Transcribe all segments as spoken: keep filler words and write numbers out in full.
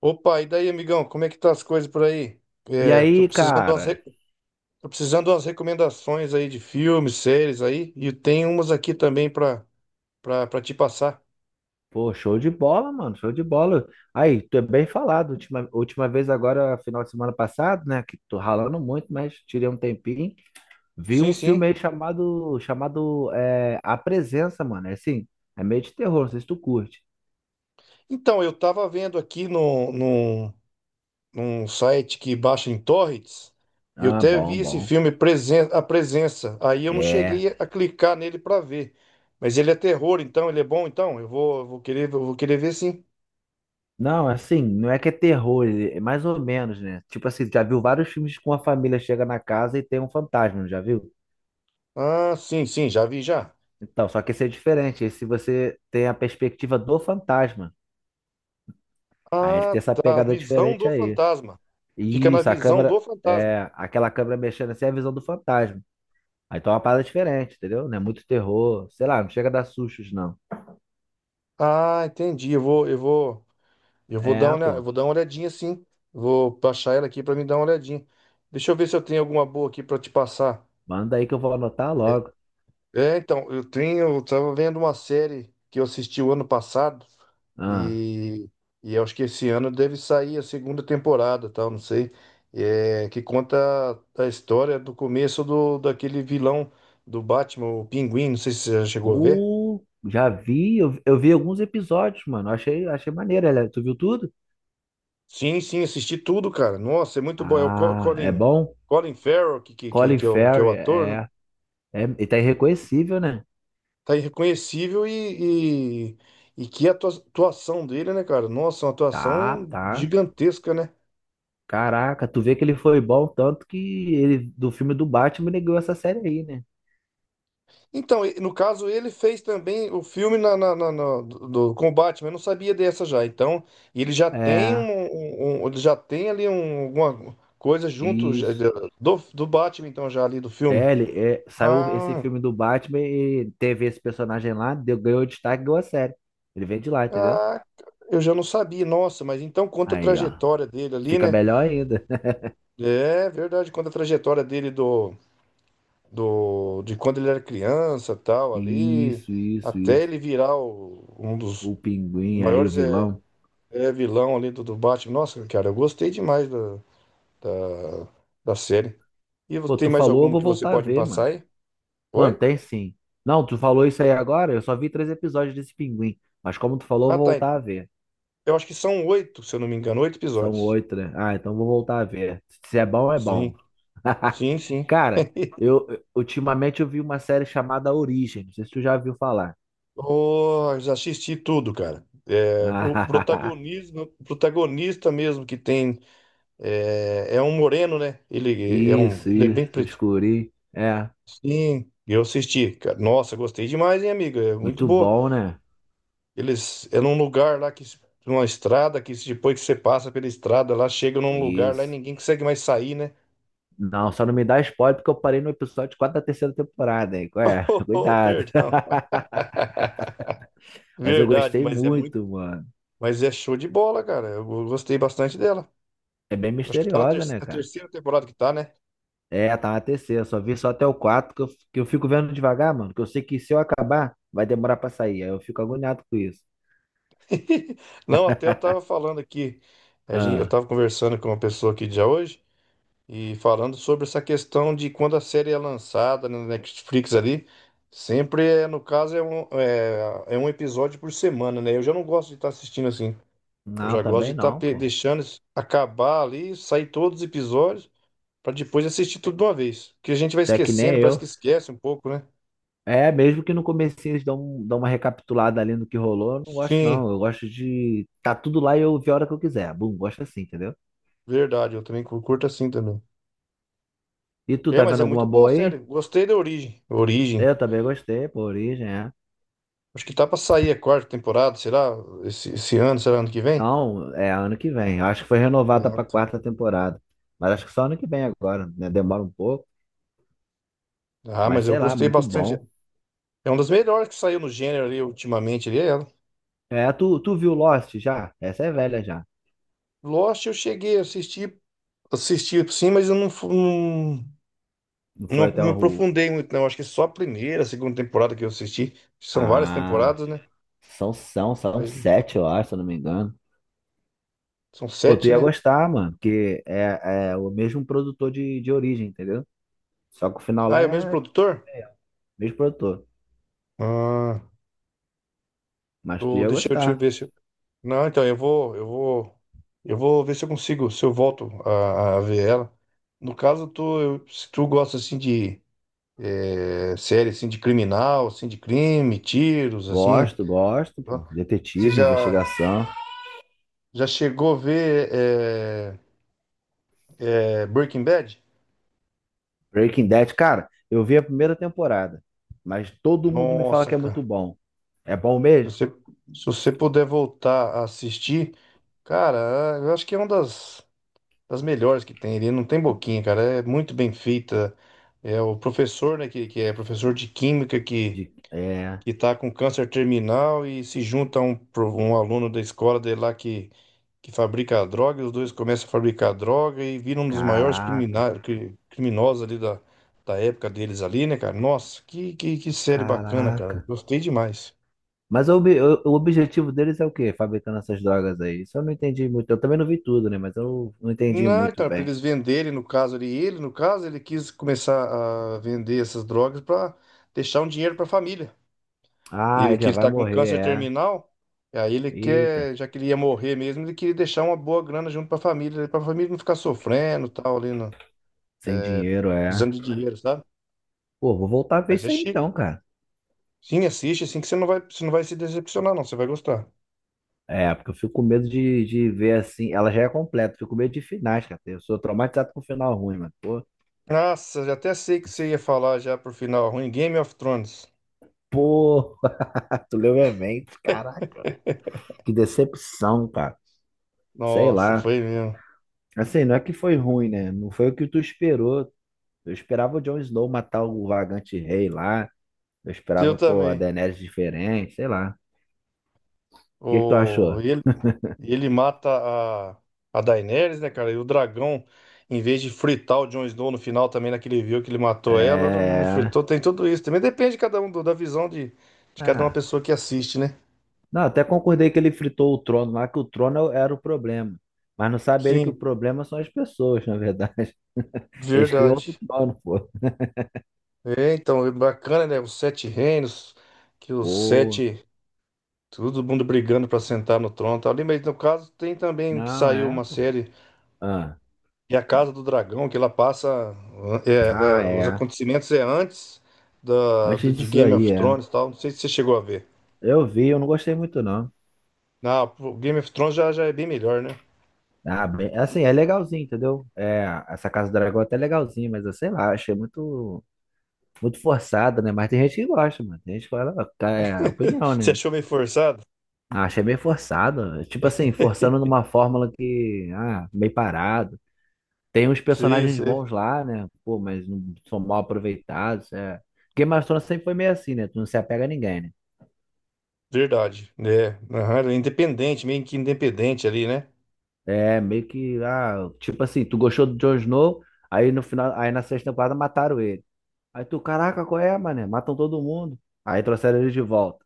Opa, e daí, amigão, como é que tá as coisas por aí? E É, tô aí, precisando de umas, cara? re- tô precisando de umas recomendações aí de filmes, séries aí, e tem umas aqui também pra, pra, pra te passar. Pô, show de bola, mano, show de bola. Aí, tu é bem falado. Última, última vez agora, final de semana passado, né? Que tô ralando muito, mas tirei um tempinho. Vi Sim, um filme sim. aí chamado, chamado é, A Presença, mano. É assim, é meio de terror, não sei se tu curte. Então, eu tava vendo aqui no, no, num site que baixa em torrents, eu Ah, até bom, vi esse bom. filme Presen A Presença, aí eu não É. cheguei a clicar nele pra ver, mas ele é terror, então, ele é bom, então, eu vou, eu vou querer, eu vou querer ver sim. Não, assim, não é que é terror, ele- é mais ou menos, né? Tipo assim, já viu vários filmes com a família chega na casa e tem um fantasma, não já viu? Ah, sim, sim, já vi já. Então, só que esse é diferente. Esse você tem a perspectiva do fantasma. Aí ele Ah, tem essa tá. pegada Visão diferente do aí. fantasma. Fica na Isso, a visão câmera, do fantasma. é, aquela câmera mexendo assim é a visão do fantasma. Aí tá uma parada diferente, entendeu? Não é muito terror, sei lá, não chega a dar sustos, não. Ah, entendi. Eu vou, eu vou, eu vou dar É, uma, olha- eu pô, vou dar uma olhadinha sim. Vou baixar ela aqui para me dar uma olhadinha. Deixa eu ver se eu tenho alguma boa aqui para te passar. manda aí que eu vou anotar logo. É, então, eu tenho, eu tava vendo uma série que eu assisti o ano passado Ah, e, e eu acho que esse ano deve sair a segunda temporada, tal, não sei, é, que conta a história do começo do, daquele vilão do Batman, o Pinguim, não sei se você já chegou a ver. uh, já vi, eu, eu vi alguns episódios, mano, achei, achei maneiro, ela- tu viu tudo? Sim, sim, assisti tudo, cara. Nossa, é muito bom. É o Co- Ah, é Colin, bom? Colin Farrell, que, que, que, Colin que é o, que é o Farrell, ator, né? é, é, é, ele tá irreconhecível, né? Tá irreconhecível e, e, e que atua- atuação dele, né, cara? Nossa, uma Tá, atuação tá. gigantesca, né? Caraca, tu vê que ele foi bom tanto que ele do filme do Batman ele ganhou essa série aí, né? Então, e- no caso, ele fez também o filme na, na, na- na- do, do com o Batman, eu não sabia dessa já. Então, ele já tem um, É, um- um- ele já tem ali um, alguma coisa junto já- isso. já- do, do Batman, então, já ali do filme. É, ele, é, saiu esse Ah, filme do Batman e teve esse personagem lá, deu, ganhou destaque e ganhou a série. Ele vem de lá, entendeu? ah, eu já não sabia, nossa, mas então conta a Aí, ó. trajetória dele ali, Fica né? melhor ainda. É verdade, conta a trajetória dele do, do, de quando ele era criança, tal, ali, Isso, isso, até isso. ele virar o- um dos O pinguim aí, o maiores vilão. É vilão ali do, do Batman. Nossa, cara, eu gostei demais da, da, da série. E você Pô, tem tu mais falou, eu alguma vou que você voltar a pode me ver, passar mano. aí? Mano, Oi? tem sim. Não, tu falou isso aí agora, eu só vi três episódios desse pinguim. Mas como tu falou, eu Ah, vou tá. voltar a ver. Eu acho que são oito, se eu não me engano, oito São episódios. oito, né? Ah, então vou voltar a ver. Se é bom, é Sim, bom. sim, sim. Cara, eu eu- ultimamente eu vi uma série chamada Origem. Não sei se tu já viu falar. Oh, já assisti tudo, cara. É, o Ah, protagonismo, o protagonista mesmo que tem é, é um moreno, né? Ele é um, isso, ele é isso. bem O pretinho. Escuri. É, Sim, eu assisti, cara. Nossa, gostei demais, hein, amiga? É muito muito boa. bom, né? Eles é num lugar lá que numa estrada que depois que você passa pela estrada lá chega num lugar lá e Isso. ninguém consegue mais sair, né? Não, só não me dá spoiler porque eu parei no episódio quatro da terceira temporada, hein? Qual é? Oh, oh, Cuidado. perdão. Mas eu Verdade, gostei mas é muito, muito, mano. mas é show de bola, cara. Eu gostei bastante dela. É bem Acho que tá na ter- misteriosa, né, a cara? terceira temporada que tá, né? É, tá na terceira. Só vi só até o quatro que eu, que eu fico vendo devagar, mano. Que eu sei que se eu acabar, vai demorar pra sair. Aí eu fico agoniado com isso. Não, até eu tava falando aqui. eh, A gente, eu Ah, tava conversando com uma pessoa aqui já hoje. E falando sobre essa questão de quando a série é lançada na Netflix ali, sempre é, no caso, é um, é, é um episódio por semana, né? Eu já não gosto de estar assistindo assim. Eu não, já gosto de também estar não, pô. deixando isso acabar ali, sair todos os episódios, para depois assistir tudo de uma vez. Porque a gente vai Até que nem esquecendo, parece que eu. esquece um pouco, né? É, mesmo que no comecinho eles dão, um- dão uma recapitulada ali no que rolou, eu não gosto, Sim, não. Eu gosto de. Tá tudo lá e eu ver a hora que eu quiser. Bum, gosto assim, entendeu? verdade, eu também cu- curto assim também. E tu, É, tá mas vendo é alguma muito boa a boa série. aí? Gostei da Origem. Origem. Eu também gostei, pô, Origem, é. Acho que tá pra sair a quarta temporada, será? Esse, esse ano, será ano que vem? Não, é ano que vem. Eu acho que foi renovada Ah, pra tá. quarta temporada. Mas acho que só ano que vem agora, né? Demora um pouco. Ah, Mas mas eu sei lá, gostei muito bastante. bom. É uma das melhores que saiu no gênero ali ultimamente ali, é ela. É, tu, tu viu Lost já? Essa é velha já. Lost eu cheguei a assistir, assisti sim, mas eu não, fu- não, Não foi não até me o. aprofundei muito, não. Acho que só a primeira, a segunda temporada que eu assisti. São várias Ah, temporadas, né? são, são, são Mas sete, eu acho, se eu não me engano. são Pô, tu sete, ia né? gostar, mano, porque é, é o mesmo produtor de, de origem, entendeu? Só que o final Ah, lá é o mesmo é, produtor? é o mesmo produtor. Ah, Mas tu do- ia deixa eu te gostar. ver se. eu- Não, então eu vou, eu vou, eu vou ver se eu consigo, se eu volto a, a ver ela. No caso, tu, eu- se tu gosta assim de é, série assim de criminal, assim de crime, tiros, assim. Gosto, gosto, Tá? pô. Você Detetive, já investigação. já chegou a ver é, é, Breaking Bad? Breaking Bad, cara, eu vi a primeira temporada, mas todo mundo me fala Nossa, que é muito cara. bom. É bom Se mesmo? você, se você puder voltar a assistir, cara, eu acho que é uma das, das melhores que tem. Ele não tem boquinha, cara. É muito bem feita. É o professor, né, que, que é professor de química que De, é, que tá com câncer terminal e se junta a um, pro- um aluno da escola dele lá que que fabrica a droga, e os dois começam a fabricar a droga e viram um dos maiores caraca, crimina- cri- criminosos ali da, da época deles ali, né, cara? Nossa, que, que, que série bacana, cara. caraca. Gostei demais. Mas o, obje- o- o objetivo deles é o quê? Fabricando essas drogas aí. Isso eu não entendi muito. Eu também não vi tudo, né? Mas eu não entendi Não, muito cara, pra bem. eles venderem, no caso ali, ele, no caso, ele quis começar a vender essas drogas para deixar um dinheiro pra família. Ah, Ele ele que já ele vai tá com morrer, câncer é. terminal, e aí ele Eita, quer, já que ele ia morrer mesmo, ele queria deixar uma boa grana junto pra família, para a família não ficar sofrendo e tal, ali, no, sem é, dinheiro, é. precisando de dinheiro, sabe? Pô, vou voltar a ver Mas é isso aí chique. então, cara. Sim, assiste, assim que você não vai, você não vai se decepcionar, não. Você vai gostar. É, porque eu fico com medo de, de ver assim. Ela já é completa, fico com medo de finais, cara. Eu sou traumatizado com final ruim, mano. Pô, Nossa, já até sei o que você ia falar já pro final ruim. Game of Thrones. pô, tu leu minha mente, caraca. Que decepção, cara. Sei Nossa, lá. foi mesmo. Assim, não é que foi ruim, né? Não foi o que tu esperou. Eu esperava o Jon Snow matar o Vagante Rei lá. Eu Eu esperava, pô, a também. Daenerys diferente, sei lá. O que que tu O, achou? ele, ele mata a, a Daenerys, né, cara? E o dragão, em vez de fritar o Jon Snow no final também, naquele viu que ele matou ela, ela não É... fritou. Tem tudo isso. Também depende de cada um, do- da visão de, de cada uma Ah. pessoa que assiste, né? Não, até concordei que ele fritou o trono lá, que o trono era o problema. Mas não sabe ele que o Sim, problema são as pessoas, na verdade. Eles criam outro verdade. trono, pô. É, então, é bacana, né? Os Sete Reinos, que os Pô, sete. Todo mundo brigando pra sentar no trono e tal ali, mas no caso tem também que não, saiu é, uma pô. série Ah, que é a Casa do Dragão, que ela passa é, é, ah, os é. acontecimentos é antes da, do, Antes de disso Game aí, of é. Thrones e tal. Não sei se você chegou a ver. Eu vi, eu não gostei muito, não. Ah, o Game of Thrones já, já é bem melhor, né? Ah, bem, assim, é legalzinho, entendeu? É, essa Casa do Dragão é até legalzinho, mas eu sei lá, achei muito muito forçada, né? Mas tem gente que gosta, mano. Tem gente que fala, "Ah, tá, é opinião, Você né? achou meio forçado? Ah, achei meio forçado. Tipo assim, forçando numa fórmula que, ah, meio parado. Tem uns Sim, personagens sim. bons lá, né? Pô, mas não são mal aproveitados. É. Game of Thrones sempre foi meio assim, né? Tu não se apega a ninguém, né? Verdade. É, aham, ele é independente, meio que independente ali, né? É, meio que, ah, tipo assim, tu gostou do Jon Snow, aí no final, aí na sexta temporada mataram ele. Aí tu, caraca, qual é, mané? Matam todo mundo. Aí trouxeram ele de volta.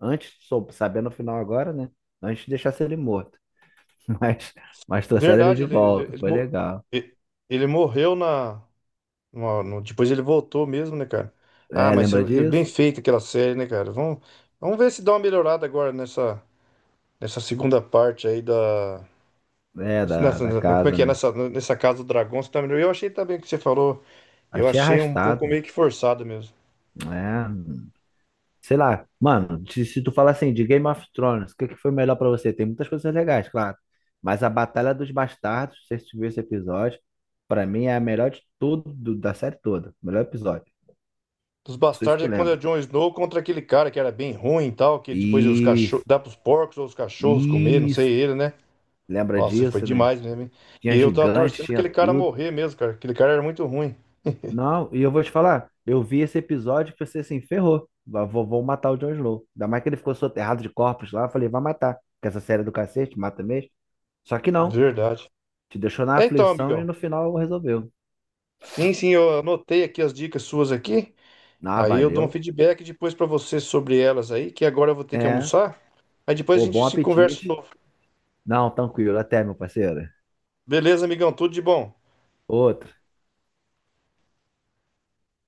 Antes, sou sabendo o final agora, né? Antes de deixar ele morto. mas, mas trouxeram ele Verdade, de ele, ele, volta, ele, foi mo- legal. ele ele morreu na, No- no- depois ele voltou mesmo, né, cara? Ah, É, mas lembra eu- eu- bem disso? feito aquela série, né, cara? Vamos, vamos ver se dá uma melhorada agora nessa, nessa segunda parte aí da. É, da, Nessa, da na- como é casa, que é? né? Nessa, nessa Casa do Dragão, você tá melhor. Eu achei também o que você falou. Eu Achei achei um pouco arrastado, meio que forçado mesmo. né? Sei lá, mano, se, se tu falar assim de Game of Thrones, o que, que foi melhor pra você? Tem muitas coisas legais, claro. Mas a Batalha dos Bastardos, se você viu esse episódio, pra mim é a melhor de tudo, do- da série toda. Melhor episódio. Dos Não sei se bastardos tu é quando é o lembra. Jon Snow contra aquele cara que era bem ruim e tal, que depois os cachorros. Isso, Dá pros porcos ou os cachorros comer, não sei isso. ele, né? Lembra Nossa, foi disso, né? demais mesmo, hein? E Tinha eu tava gigante, torcendo pra tinha aquele cara tudo. morrer mesmo, cara. Aquele cara era muito ruim. Não, e eu vou te falar, eu vi esse episódio e pensei assim, ferrou, vou, vou matar o Jon Snow. Ainda mais que ele ficou soterrado de corpos lá, eu falei, vai matar, que essa série é do cacete mata mesmo. Só que De não, Verdade. te deixou na É então, aflição e amigão. no final resolveu. Sim, sim, eu anotei aqui as dicas suas aqui. Ah, Aí eu dou um valeu, feedback depois pra você sobre elas aí, que agora eu vou ter que é, almoçar. Aí depois a ô, gente bom se conversa de apetite. novo. Não, tranquilo, até, meu parceiro. Beleza, amigão? Tudo de bom. Outro.